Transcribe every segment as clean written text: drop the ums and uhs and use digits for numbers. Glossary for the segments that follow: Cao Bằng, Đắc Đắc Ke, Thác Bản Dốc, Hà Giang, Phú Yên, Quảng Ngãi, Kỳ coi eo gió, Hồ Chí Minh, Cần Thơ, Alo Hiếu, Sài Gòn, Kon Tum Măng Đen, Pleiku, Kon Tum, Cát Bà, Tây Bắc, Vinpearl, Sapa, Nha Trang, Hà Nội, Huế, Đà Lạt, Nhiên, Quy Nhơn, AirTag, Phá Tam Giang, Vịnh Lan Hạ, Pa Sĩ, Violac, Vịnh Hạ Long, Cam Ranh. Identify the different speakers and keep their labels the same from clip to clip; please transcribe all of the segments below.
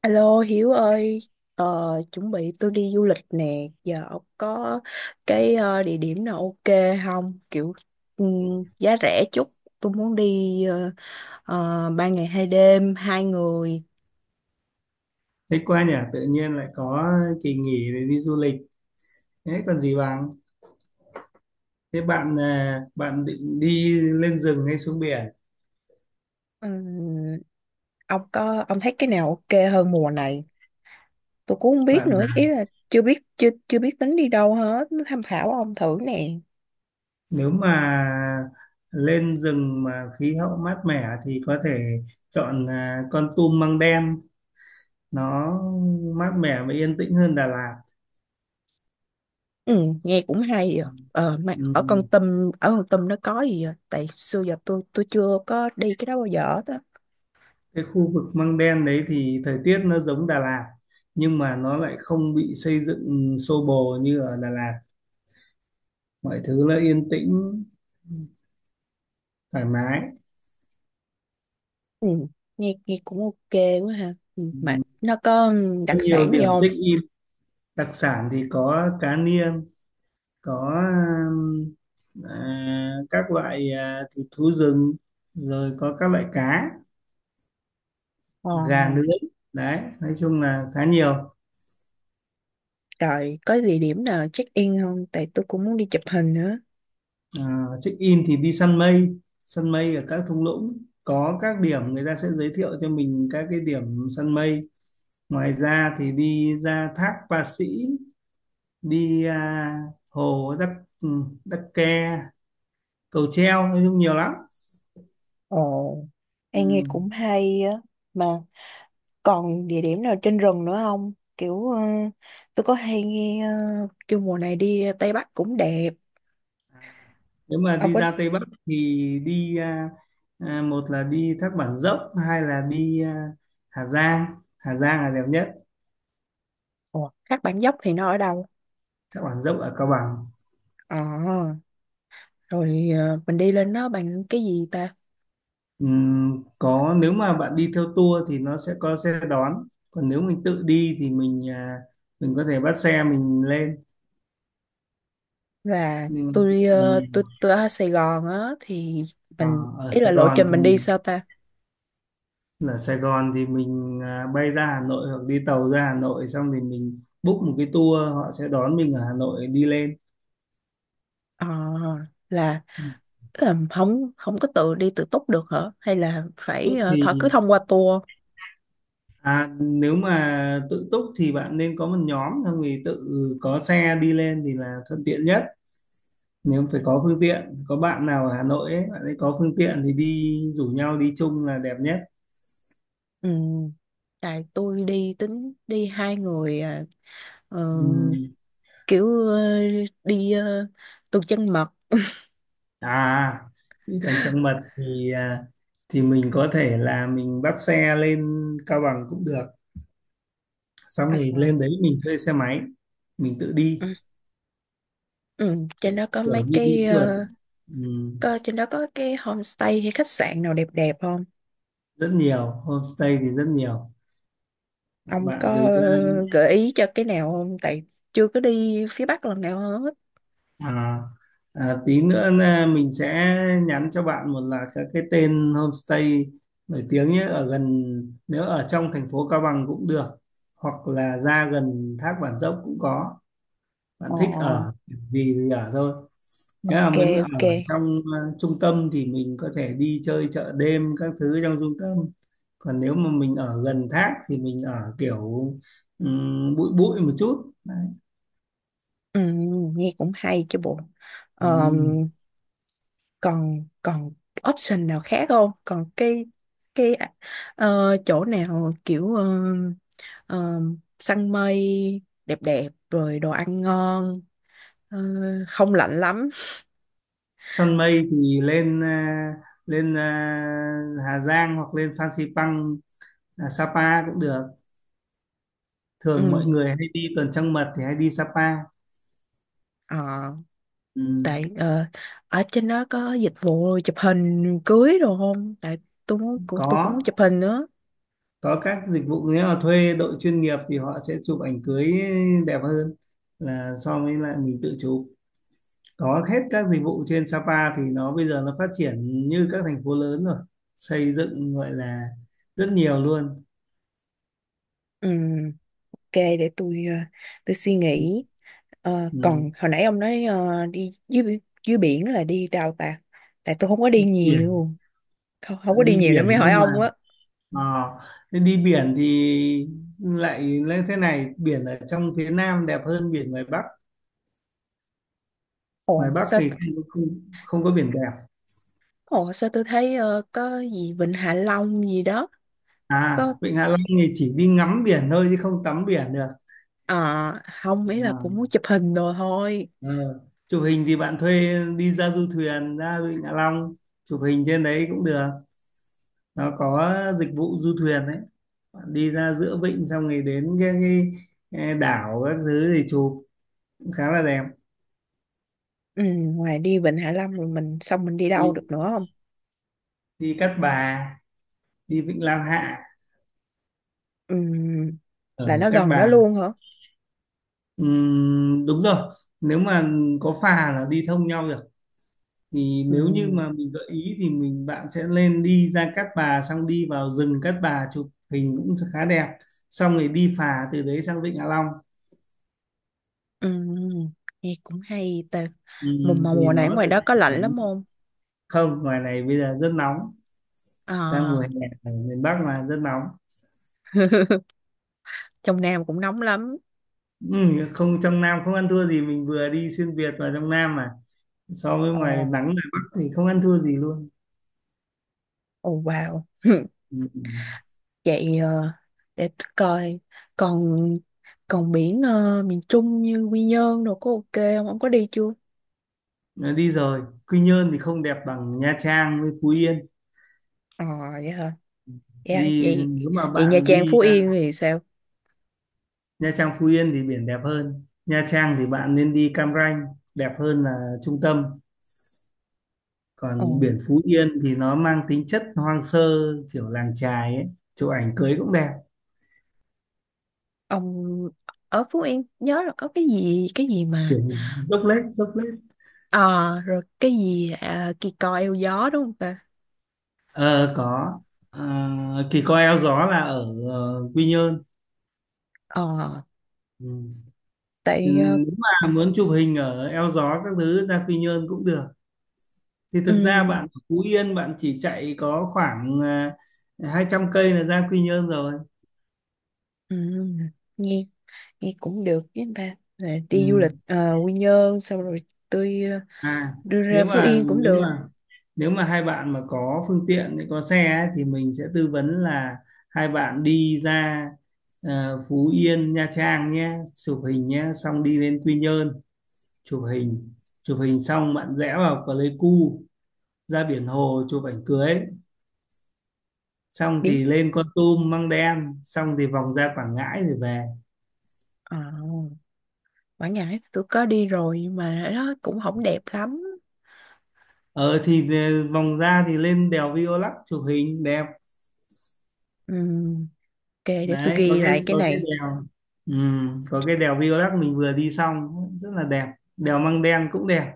Speaker 1: Alo Hiếu ơi, ờ, chuẩn bị tôi đi du lịch nè, giờ ông có cái địa điểm nào ok không? Kiểu giá rẻ chút, tôi muốn đi ba ngày hai đêm, hai người.
Speaker 2: Thích quá nhỉ, tự nhiên lại có kỳ nghỉ để đi du lịch. Thế còn gì bằng? Thế bạn à, bạn định đi lên rừng hay xuống biển?
Speaker 1: Ừm, ông thấy cái nào ok hơn mùa này? Tôi cũng không biết
Speaker 2: Bạn
Speaker 1: nữa, ý
Speaker 2: à,
Speaker 1: là chưa biết tính đi đâu hết, tham khảo ông thử nè.
Speaker 2: nếu mà lên rừng mà khí hậu mát mẻ thì có thể chọn Kon Tum Măng Đen, nó mát mẻ và yên tĩnh hơn Đà Lạt.
Speaker 1: Ừ, nghe cũng hay à. Ờ, mà ở
Speaker 2: Ừm,
Speaker 1: Kon Tum ở Kon Tum nó có gì vậy? Tại xưa giờ tôi chưa có đi cái đó bao giờ hết á.
Speaker 2: Cái khu vực Măng Đen đấy thì thời tiết nó giống Đà Lạt, nhưng mà nó lại không bị xây dựng xô bồ như ở Đà Lạt. Mọi thứ là yên tĩnh, thoải mái,
Speaker 1: Ừ. Nghe cũng ok quá ha. Ừ. Mà nó có đặc
Speaker 2: có nhiều
Speaker 1: sản gì
Speaker 2: điểm
Speaker 1: không?
Speaker 2: thích. Đặc sản thì có cá niên, có um, các loại, thịt thú rừng, rồi có các loại cá,
Speaker 1: Ờ,
Speaker 2: gà nướng đấy, nói chung là khá nhiều.
Speaker 1: rồi có địa điểm nào check in không? Tại tôi cũng muốn đi chụp hình nữa.
Speaker 2: Check in thì đi săn mây, săn mây ở các thung lũng, có các điểm người ta sẽ giới thiệu cho mình các cái điểm săn mây. Ngoài ra thì đi ra thác Pa Sĩ, đi hồ Đắc Đắc Ke, cầu treo, nói chung nhiều lắm.
Speaker 1: Ồ, em nghe
Speaker 2: Ừ.
Speaker 1: cũng hay á. Mà còn địa điểm nào trên rừng nữa không? Tôi có hay nghe kêu mùa này đi Tây Bắc cũng đẹp.
Speaker 2: À, nếu mà
Speaker 1: Ông
Speaker 2: đi
Speaker 1: có
Speaker 2: ra Tây Bắc thì đi một là đi Thác Bản Dốc, hai là đi Hà Giang. Hà Giang là đẹp nhất.
Speaker 1: Ủa, Thác Bản Dốc thì nó ở đâu?
Speaker 2: Thác Bản Dốc ở Cao Bằng.
Speaker 1: Ờ, rồi mình đi lên đó bằng cái gì ta?
Speaker 2: Có, nếu mà bạn đi theo tour thì nó sẽ có xe đón, còn nếu mình tự đi thì mình mình có thể bắt xe mình lên.
Speaker 1: Và
Speaker 2: Nhưng
Speaker 1: tôi tôi ở Sài Gòn á, thì
Speaker 2: ờ,
Speaker 1: mình
Speaker 2: ở
Speaker 1: ý là
Speaker 2: Sài
Speaker 1: lộ
Speaker 2: Gòn
Speaker 1: trình mình
Speaker 2: thì
Speaker 1: đi sao ta?
Speaker 2: mình bay ra Hà Nội hoặc đi tàu ra Hà Nội, xong thì mình book một cái tour, họ sẽ đón mình ở Hà Nội đi lên.
Speaker 1: Ờ, là tức là không không có tự đi tự túc được hả, hay là
Speaker 2: túc
Speaker 1: phải
Speaker 2: thì
Speaker 1: thọ cứ thông qua tour?
Speaker 2: Nếu mà tự túc thì bạn nên có một nhóm, xong thì tự có xe đi lên thì là thuận tiện nhất. Nếu phải có phương tiện, có bạn nào ở Hà Nội ấy, bạn ấy có phương tiện thì đi rủ nhau đi chung là đẹp nhất.
Speaker 1: Ừ, tại tôi đi tính đi hai người, à, ờ,
Speaker 2: Ừm,
Speaker 1: kiểu ờ, đi ờ, tuần trăng mật.
Speaker 2: à chứ còn trong mật thì thì mình có thể là mình bắt xe lên Cao Bằng cũng được, xong
Speaker 1: À,
Speaker 2: rồi lên đấy mình thuê xe máy mình tự đi,
Speaker 1: ừ. Ừ, trên đó có
Speaker 2: kiểu
Speaker 1: mấy
Speaker 2: như đi
Speaker 1: cái
Speaker 2: phượt. Ừm,
Speaker 1: trên đó có cái homestay hay khách sạn nào đẹp đẹp không?
Speaker 2: rất nhiều homestay thì rất nhiều.
Speaker 1: Ông có
Speaker 2: Bạn cứ,
Speaker 1: gợi ý cho cái nào không? Tại chưa có đi phía Bắc lần nào hết.
Speaker 2: À, tí nữa là mình sẽ nhắn cho bạn, một là các cái tên homestay nổi tiếng nhé, ở gần, nếu ở trong thành phố Cao Bằng cũng được, hoặc là ra gần Thác Bản Dốc cũng có. Bạn thích
Speaker 1: Ồ,
Speaker 2: ở vì thì ở thôi. Nếu mà
Speaker 1: ok,
Speaker 2: muốn ở
Speaker 1: ok.
Speaker 2: trong trung tâm thì mình có thể đi chơi chợ đêm các thứ trong trung tâm, còn nếu mà mình ở gần thác thì mình ở kiểu bụi bụi một chút. Đấy.
Speaker 1: Ừ, nghe cũng hay chứ bộ.
Speaker 2: Ừ.
Speaker 1: Ờm, còn còn option nào khác không? Còn cái chỗ nào kiểu ờ, săn mây đẹp đẹp rồi đồ ăn ngon, ờ, không lạnh lắm.
Speaker 2: Săn mây thì lên Hà Giang hoặc lên Phan Xipang, Sapa cũng được. Thường mọi
Speaker 1: Ừ.
Speaker 2: người hay đi tuần trăng mật thì hay đi Sapa.
Speaker 1: Ờ.
Speaker 2: Ừ.
Speaker 1: Tại ở trên đó có dịch vụ chụp hình cưới đồ không, tại tôi cũng muốn
Speaker 2: có
Speaker 1: chụp hình nữa.
Speaker 2: có các dịch vụ. Nếu mà thuê đội chuyên nghiệp thì họ sẽ chụp ảnh cưới đẹp hơn là so với lại mình tự chụp. Có hết các dịch vụ trên Sapa thì nó bây giờ nó phát triển như các thành phố lớn rồi, xây dựng gọi là rất nhiều luôn.
Speaker 1: Ừ, ok, để tôi tôi suy nghĩ. Ờ,
Speaker 2: Ừ.
Speaker 1: còn hồi nãy ông nói đi dưới biển là đi đâu ta? Tại tôi không có đi
Speaker 2: biển
Speaker 1: nhiều. Không, không có đi
Speaker 2: Đi
Speaker 1: nhiều
Speaker 2: biển
Speaker 1: nên mới hỏi
Speaker 2: nhưng mà,
Speaker 1: ông á.
Speaker 2: Ờ, thế đi biển thì lại lên thế này, biển ở trong phía Nam đẹp hơn biển ngoài Bắc. Ngoài
Speaker 1: Ồ
Speaker 2: Bắc
Speaker 1: sao?
Speaker 2: thì không có biển đẹp.
Speaker 1: Ồ sao, tôi thấy có gì Vịnh Hạ Long gì đó. Có,
Speaker 2: Vịnh Hạ Long thì chỉ đi ngắm biển thôi chứ không tắm biển được.
Speaker 1: ờ, không, ý là
Speaker 2: à,
Speaker 1: cũng muốn chụp hình đồ thôi.
Speaker 2: ờ. Chụp hình thì bạn thuê đi ra du thuyền ra Vịnh Hạ Long, chụp hình trên đấy cũng được. Nó có dịch vụ du thuyền đấy, bạn đi ra giữa vịnh xong rồi đến cái đảo các thứ thì chụp cũng khá là đẹp.
Speaker 1: Ừ, ngoài đi Vịnh Hạ Long rồi mình xong mình đi đâu
Speaker 2: Đi
Speaker 1: được nữa không?
Speaker 2: đi Cát Bà, đi Vịnh Lan Hạ
Speaker 1: Ừm, là
Speaker 2: ở
Speaker 1: nó
Speaker 2: Cát
Speaker 1: gần đó
Speaker 2: Bà.
Speaker 1: luôn hả?
Speaker 2: Đúng rồi, nếu mà có phà là đi thông nhau được. Thì nếu như
Speaker 1: Ừm,
Speaker 2: mà mình gợi ý thì mình, bạn sẽ lên đi ra Cát Bà, xong đi vào rừng Cát Bà chụp hình cũng khá đẹp, xong rồi đi phà từ đấy sang Vịnh Hạ Long.
Speaker 1: ừm, nghe cũng hay ta. Mùa mà
Speaker 2: Thì
Speaker 1: mùa này ở
Speaker 2: nó
Speaker 1: ngoài
Speaker 2: được
Speaker 1: đó có lạnh
Speaker 2: cảnh.
Speaker 1: lắm không?
Speaker 2: Không, ngoài này bây giờ rất nóng, đang mùa
Speaker 1: À,
Speaker 2: hè, ở miền Bắc mà rất nóng.
Speaker 1: trong Nam cũng nóng lắm.
Speaker 2: Không, trong Nam không ăn thua gì, mình vừa đi xuyên Việt vào trong Nam mà so với
Speaker 1: Ồ,
Speaker 2: ngoài nắng ngoài Bắc thì không ăn thua gì luôn.
Speaker 1: ồ wow.
Speaker 2: Ừm.
Speaker 1: Vậy để tôi coi, còn còn biển miền Trung như Quy Nhơn đồ có ok không? Ông có đi chưa?
Speaker 2: Đi rồi, Quy Nhơn thì không đẹp bằng Nha Trang với Phú Yên.
Speaker 1: Ờ vậy hả? Dạ
Speaker 2: Đi
Speaker 1: vậy,
Speaker 2: nếu mà
Speaker 1: vậy Nha
Speaker 2: bạn
Speaker 1: Trang
Speaker 2: đi
Speaker 1: Phú Yên thì sao?
Speaker 2: Nha Trang Phú Yên thì biển đẹp hơn. Nha Trang thì bạn nên đi Cam Ranh, đẹp hơn là trung tâm.
Speaker 1: Ồ,
Speaker 2: Còn biển Phú Yên thì nó mang tính chất hoang sơ, kiểu làng chài ấy, chụp ảnh cưới cũng đẹp.
Speaker 1: ông ở Phú Yên nhớ là có cái gì mà.
Speaker 2: Kiểu dốc lết.
Speaker 1: Ờ, rồi cái gì à, kỳ cò eo gió đúng không ta?
Speaker 2: Ờ có. Ờ, Kỳ coi eo gió là ở Quy Nhơn.
Speaker 1: Ờ,
Speaker 2: Ừ. Ừ,
Speaker 1: tại
Speaker 2: nếu mà muốn chụp hình ở eo gió các thứ ra Quy Nhơn cũng được. Thì thực ra
Speaker 1: ừ,
Speaker 2: bạn ở Phú Yên bạn chỉ chạy có khoảng 200 cây là ra Quy Nhơn rồi.
Speaker 1: ừ, nghe nghe cũng được, với anh ba là
Speaker 2: Ừ.
Speaker 1: đi du lịch Quy Nhơn xong rồi tôi
Speaker 2: à
Speaker 1: đưa ra
Speaker 2: nếu
Speaker 1: Phú
Speaker 2: mà
Speaker 1: Yên cũng
Speaker 2: nếu
Speaker 1: được.
Speaker 2: mà Nếu mà hai bạn mà có phương tiện, có xe ấy, thì mình sẽ tư vấn là hai bạn đi ra Phú Yên Nha Trang nhé, chụp hình nhé, xong đi lên Quy Nhơn chụp hình. Chụp hình xong bạn rẽ vào Pleiku ra biển hồ chụp ảnh cưới, xong
Speaker 1: Biển
Speaker 2: thì lên Kon Tum Măng Đen, xong thì vòng ra Quảng Ngãi rồi về.
Speaker 1: ờ, Quảng Ngãi thì tôi có đi rồi nhưng mà nó cũng không đẹp lắm.
Speaker 2: Ờ thì vòng ra thì lên đèo Violac chụp hình đẹp.
Speaker 1: Ừ, ok, để tôi
Speaker 2: Đấy
Speaker 1: ghi lại cái
Speaker 2: có cái
Speaker 1: này.
Speaker 2: đèo. Ừ, có cái đèo Violac mình vừa đi xong rất là đẹp. Đèo Măng Đen cũng đẹp,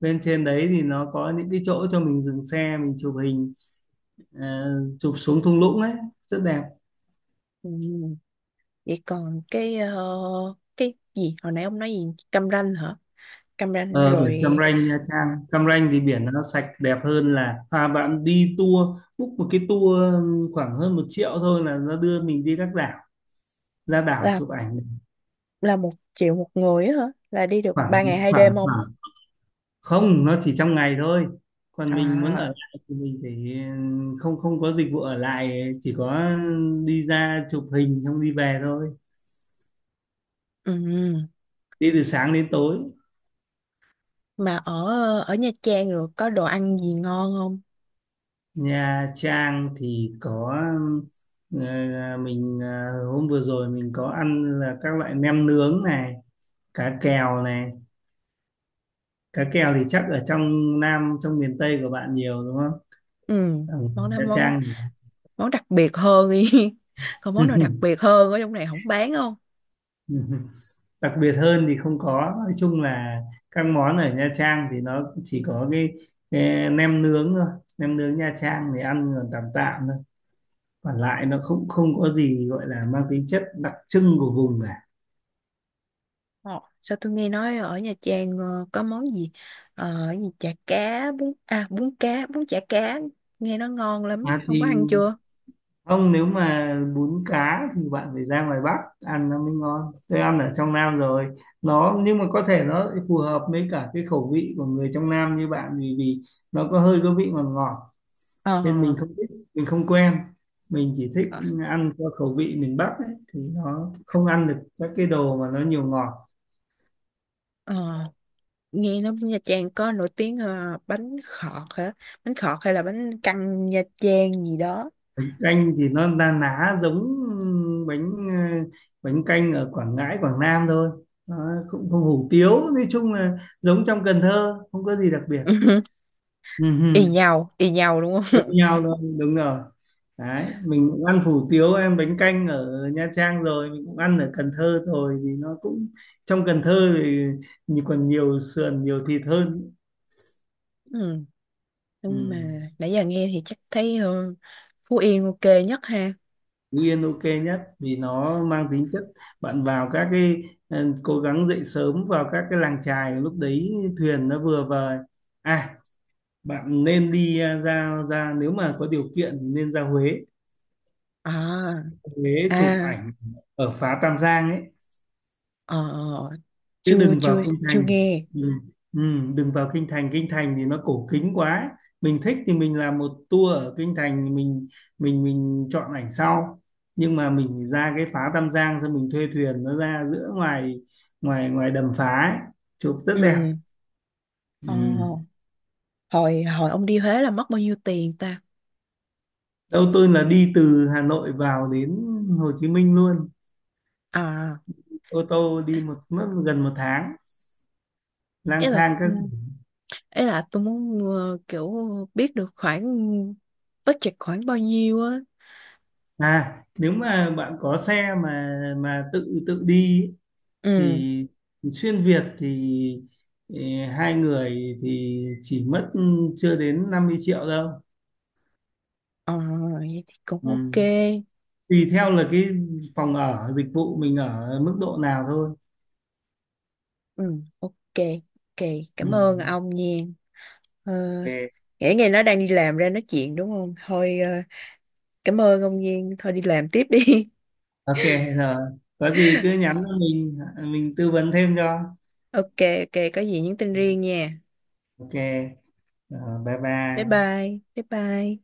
Speaker 2: lên trên đấy thì nó có những cái chỗ cho mình dừng xe mình chụp hình, chụp xuống thung lũng ấy, rất đẹp.
Speaker 1: Ừ, vậy còn cái cái gì hồi nãy ông nói gì, cam ranh hả, cam ranh
Speaker 2: Ờ, biển
Speaker 1: rồi.
Speaker 2: Cam Ranh, Nha Trang Cam Ranh thì biển nó sạch đẹp hơn là, bạn đi tour, book một cái tour khoảng hơn 1 triệu thôi là nó đưa mình đi các đảo, ra đảo
Speaker 1: là
Speaker 2: chụp ảnh.
Speaker 1: là một triệu một người á hả? Là đi được
Speaker 2: khoảng
Speaker 1: ba ngày hai
Speaker 2: khoảng
Speaker 1: đêm không?
Speaker 2: khoảng không, nó chỉ trong ngày thôi. Còn mình muốn ở
Speaker 1: À,
Speaker 2: lại thì mình phải, không không có dịch vụ ở lại, chỉ có đi ra chụp hình xong đi về thôi,
Speaker 1: ừ.
Speaker 2: đi từ sáng đến tối.
Speaker 1: Mà ở ở Nha Trang rồi có đồ ăn gì ngon không?
Speaker 2: Nha Trang thì có ờ, mình hôm vừa rồi mình có ăn là các loại nem nướng này, cá kèo này. Cá kèo thì chắc ở trong Nam, trong miền Tây của bạn nhiều đúng không?
Speaker 1: Ừ.
Speaker 2: Ở
Speaker 1: Món đó,
Speaker 2: Nha
Speaker 1: món
Speaker 2: Trang
Speaker 1: món đặc biệt hơn đi. Còn món nào đặc
Speaker 2: thì-
Speaker 1: biệt hơn ở trong này không, bán không?
Speaker 2: đặc biệt hơn thì không có, nói chung là các món ở Nha Trang thì nó chỉ có cái nem nướng thôi. Nem nướng Nha Trang thì ăn còn tạm tạm thôi, còn lại nó không, không có gì gọi là mang tính chất đặc trưng của vùng cả.
Speaker 1: Ờ, sao tôi nghe nói ở Nha Trang có món gì ờ gì chả cá bún à bún cá bún chả cá, nghe nó ngon lắm, không có
Speaker 2: Thì
Speaker 1: ăn chưa?
Speaker 2: không, nếu mà bún cá thì bạn phải ra ngoài Bắc ăn nó mới ngon, tôi ăn ở trong Nam rồi. Nó, nhưng mà có thể nó phù hợp với cả cái khẩu vị của người trong Nam như bạn, vì vì nó có hơi có vị ngọt ngọt
Speaker 1: Ờ.
Speaker 2: nên mình không thích, mình không quen, mình chỉ thích
Speaker 1: Ờ.
Speaker 2: ăn theo khẩu vị miền Bắc ấy, thì nó không ăn được các cái đồ mà nó nhiều ngọt.
Speaker 1: Ờ, nghe nói Nha Trang có nổi tiếng bánh khọt hả, bánh khọt hay là bánh căn Nha Trang gì đó.
Speaker 2: Canh thì nó na ná giống bánh, bánh canh ở Quảng Ngãi Quảng Nam thôi. Nó không không hủ tiếu, nói chung là giống trong Cần Thơ, không có gì đặc biệt.
Speaker 1: Y
Speaker 2: Ừ,
Speaker 1: nhau y nhau đúng
Speaker 2: tất
Speaker 1: không?
Speaker 2: nhau luôn, đúng rồi. Đấy mình cũng ăn hủ tiếu em bánh canh ở Nha Trang rồi, mình cũng ăn ở Cần Thơ rồi, thì nó cũng, trong Cần Thơ thì nhì- còn nhiều sườn nhiều thịt hơn.
Speaker 1: Ừ.
Speaker 2: Ừ.
Speaker 1: Nhưng mà nãy giờ nghe thì chắc thấy Phú Yên ok nhất ha.
Speaker 2: Phú Yên ok nhất vì nó mang tính chất, bạn vào các cái, ừ, cố gắng dậy sớm vào các cái làng chài lúc đấy thuyền nó vừa vời. À, bạn nên đi à, ra ra nếu mà có điều kiện thì nên ra Huế.
Speaker 1: À.
Speaker 2: Huế chụp
Speaker 1: À.
Speaker 2: ảnh ở phá Tam Giang ấy,
Speaker 1: Ờ,
Speaker 2: chứ
Speaker 1: chưa,
Speaker 2: đừng
Speaker 1: chưa,
Speaker 2: vào kinh
Speaker 1: chưa
Speaker 2: thành.
Speaker 1: nghe.
Speaker 2: Ừ. Ừ, đừng vào kinh thành, kinh thành thì nó cổ kính quá, mình thích thì mình làm một tour ở kinh thành, mình chọn ảnh sau. Nhưng mà mình ra cái phá Tam Giang xong mình thuê thuyền, nó ra giữa ngoài ngoài ngoài đầm phá ấy, chụp rất đẹp.
Speaker 1: Ừ. Ờ,
Speaker 2: Ừ.
Speaker 1: hồi hồi ông đi Huế là mất bao nhiêu tiền ta?
Speaker 2: Đâu tôi là đi từ Hà Nội vào đến Hồ Chí Minh luôn,
Speaker 1: À,
Speaker 2: ô tô đi một mất gần 1 tháng
Speaker 1: ý
Speaker 2: lang
Speaker 1: là
Speaker 2: thang
Speaker 1: ừ,
Speaker 2: các.
Speaker 1: ý là tôi muốn kiểu biết được khoảng budget khoảng bao nhiêu á.
Speaker 2: À, nếu mà bạn có xe mà tự tự đi ấy,
Speaker 1: Ừ.
Speaker 2: thì xuyên Việt thì, ừ, 2 người thì chỉ mất chưa đến 50 triệu đâu.
Speaker 1: Ờ, vậy thì cũng ok.
Speaker 2: Ừ. Tùy theo là cái phòng ở, dịch vụ mình ở mức độ nào thôi.
Speaker 1: Ừ, ok, ok.
Speaker 2: Ừ.
Speaker 1: Cảm ơn ông Nhiên. Ờ,
Speaker 2: Ok,
Speaker 1: nghĩ ngày nó đang đi làm ra nói chuyện đúng không? Thôi, cảm ơn ông Nhiên. Thôi đi làm tiếp đi.
Speaker 2: ok rồi, có gì cứ nhắn cho mình tư vấn thêm cho.
Speaker 1: Ok, ok. Có gì nhắn tin riêng nha.
Speaker 2: Ok rồi, bye
Speaker 1: Bye
Speaker 2: bye.
Speaker 1: bye. Bye bye.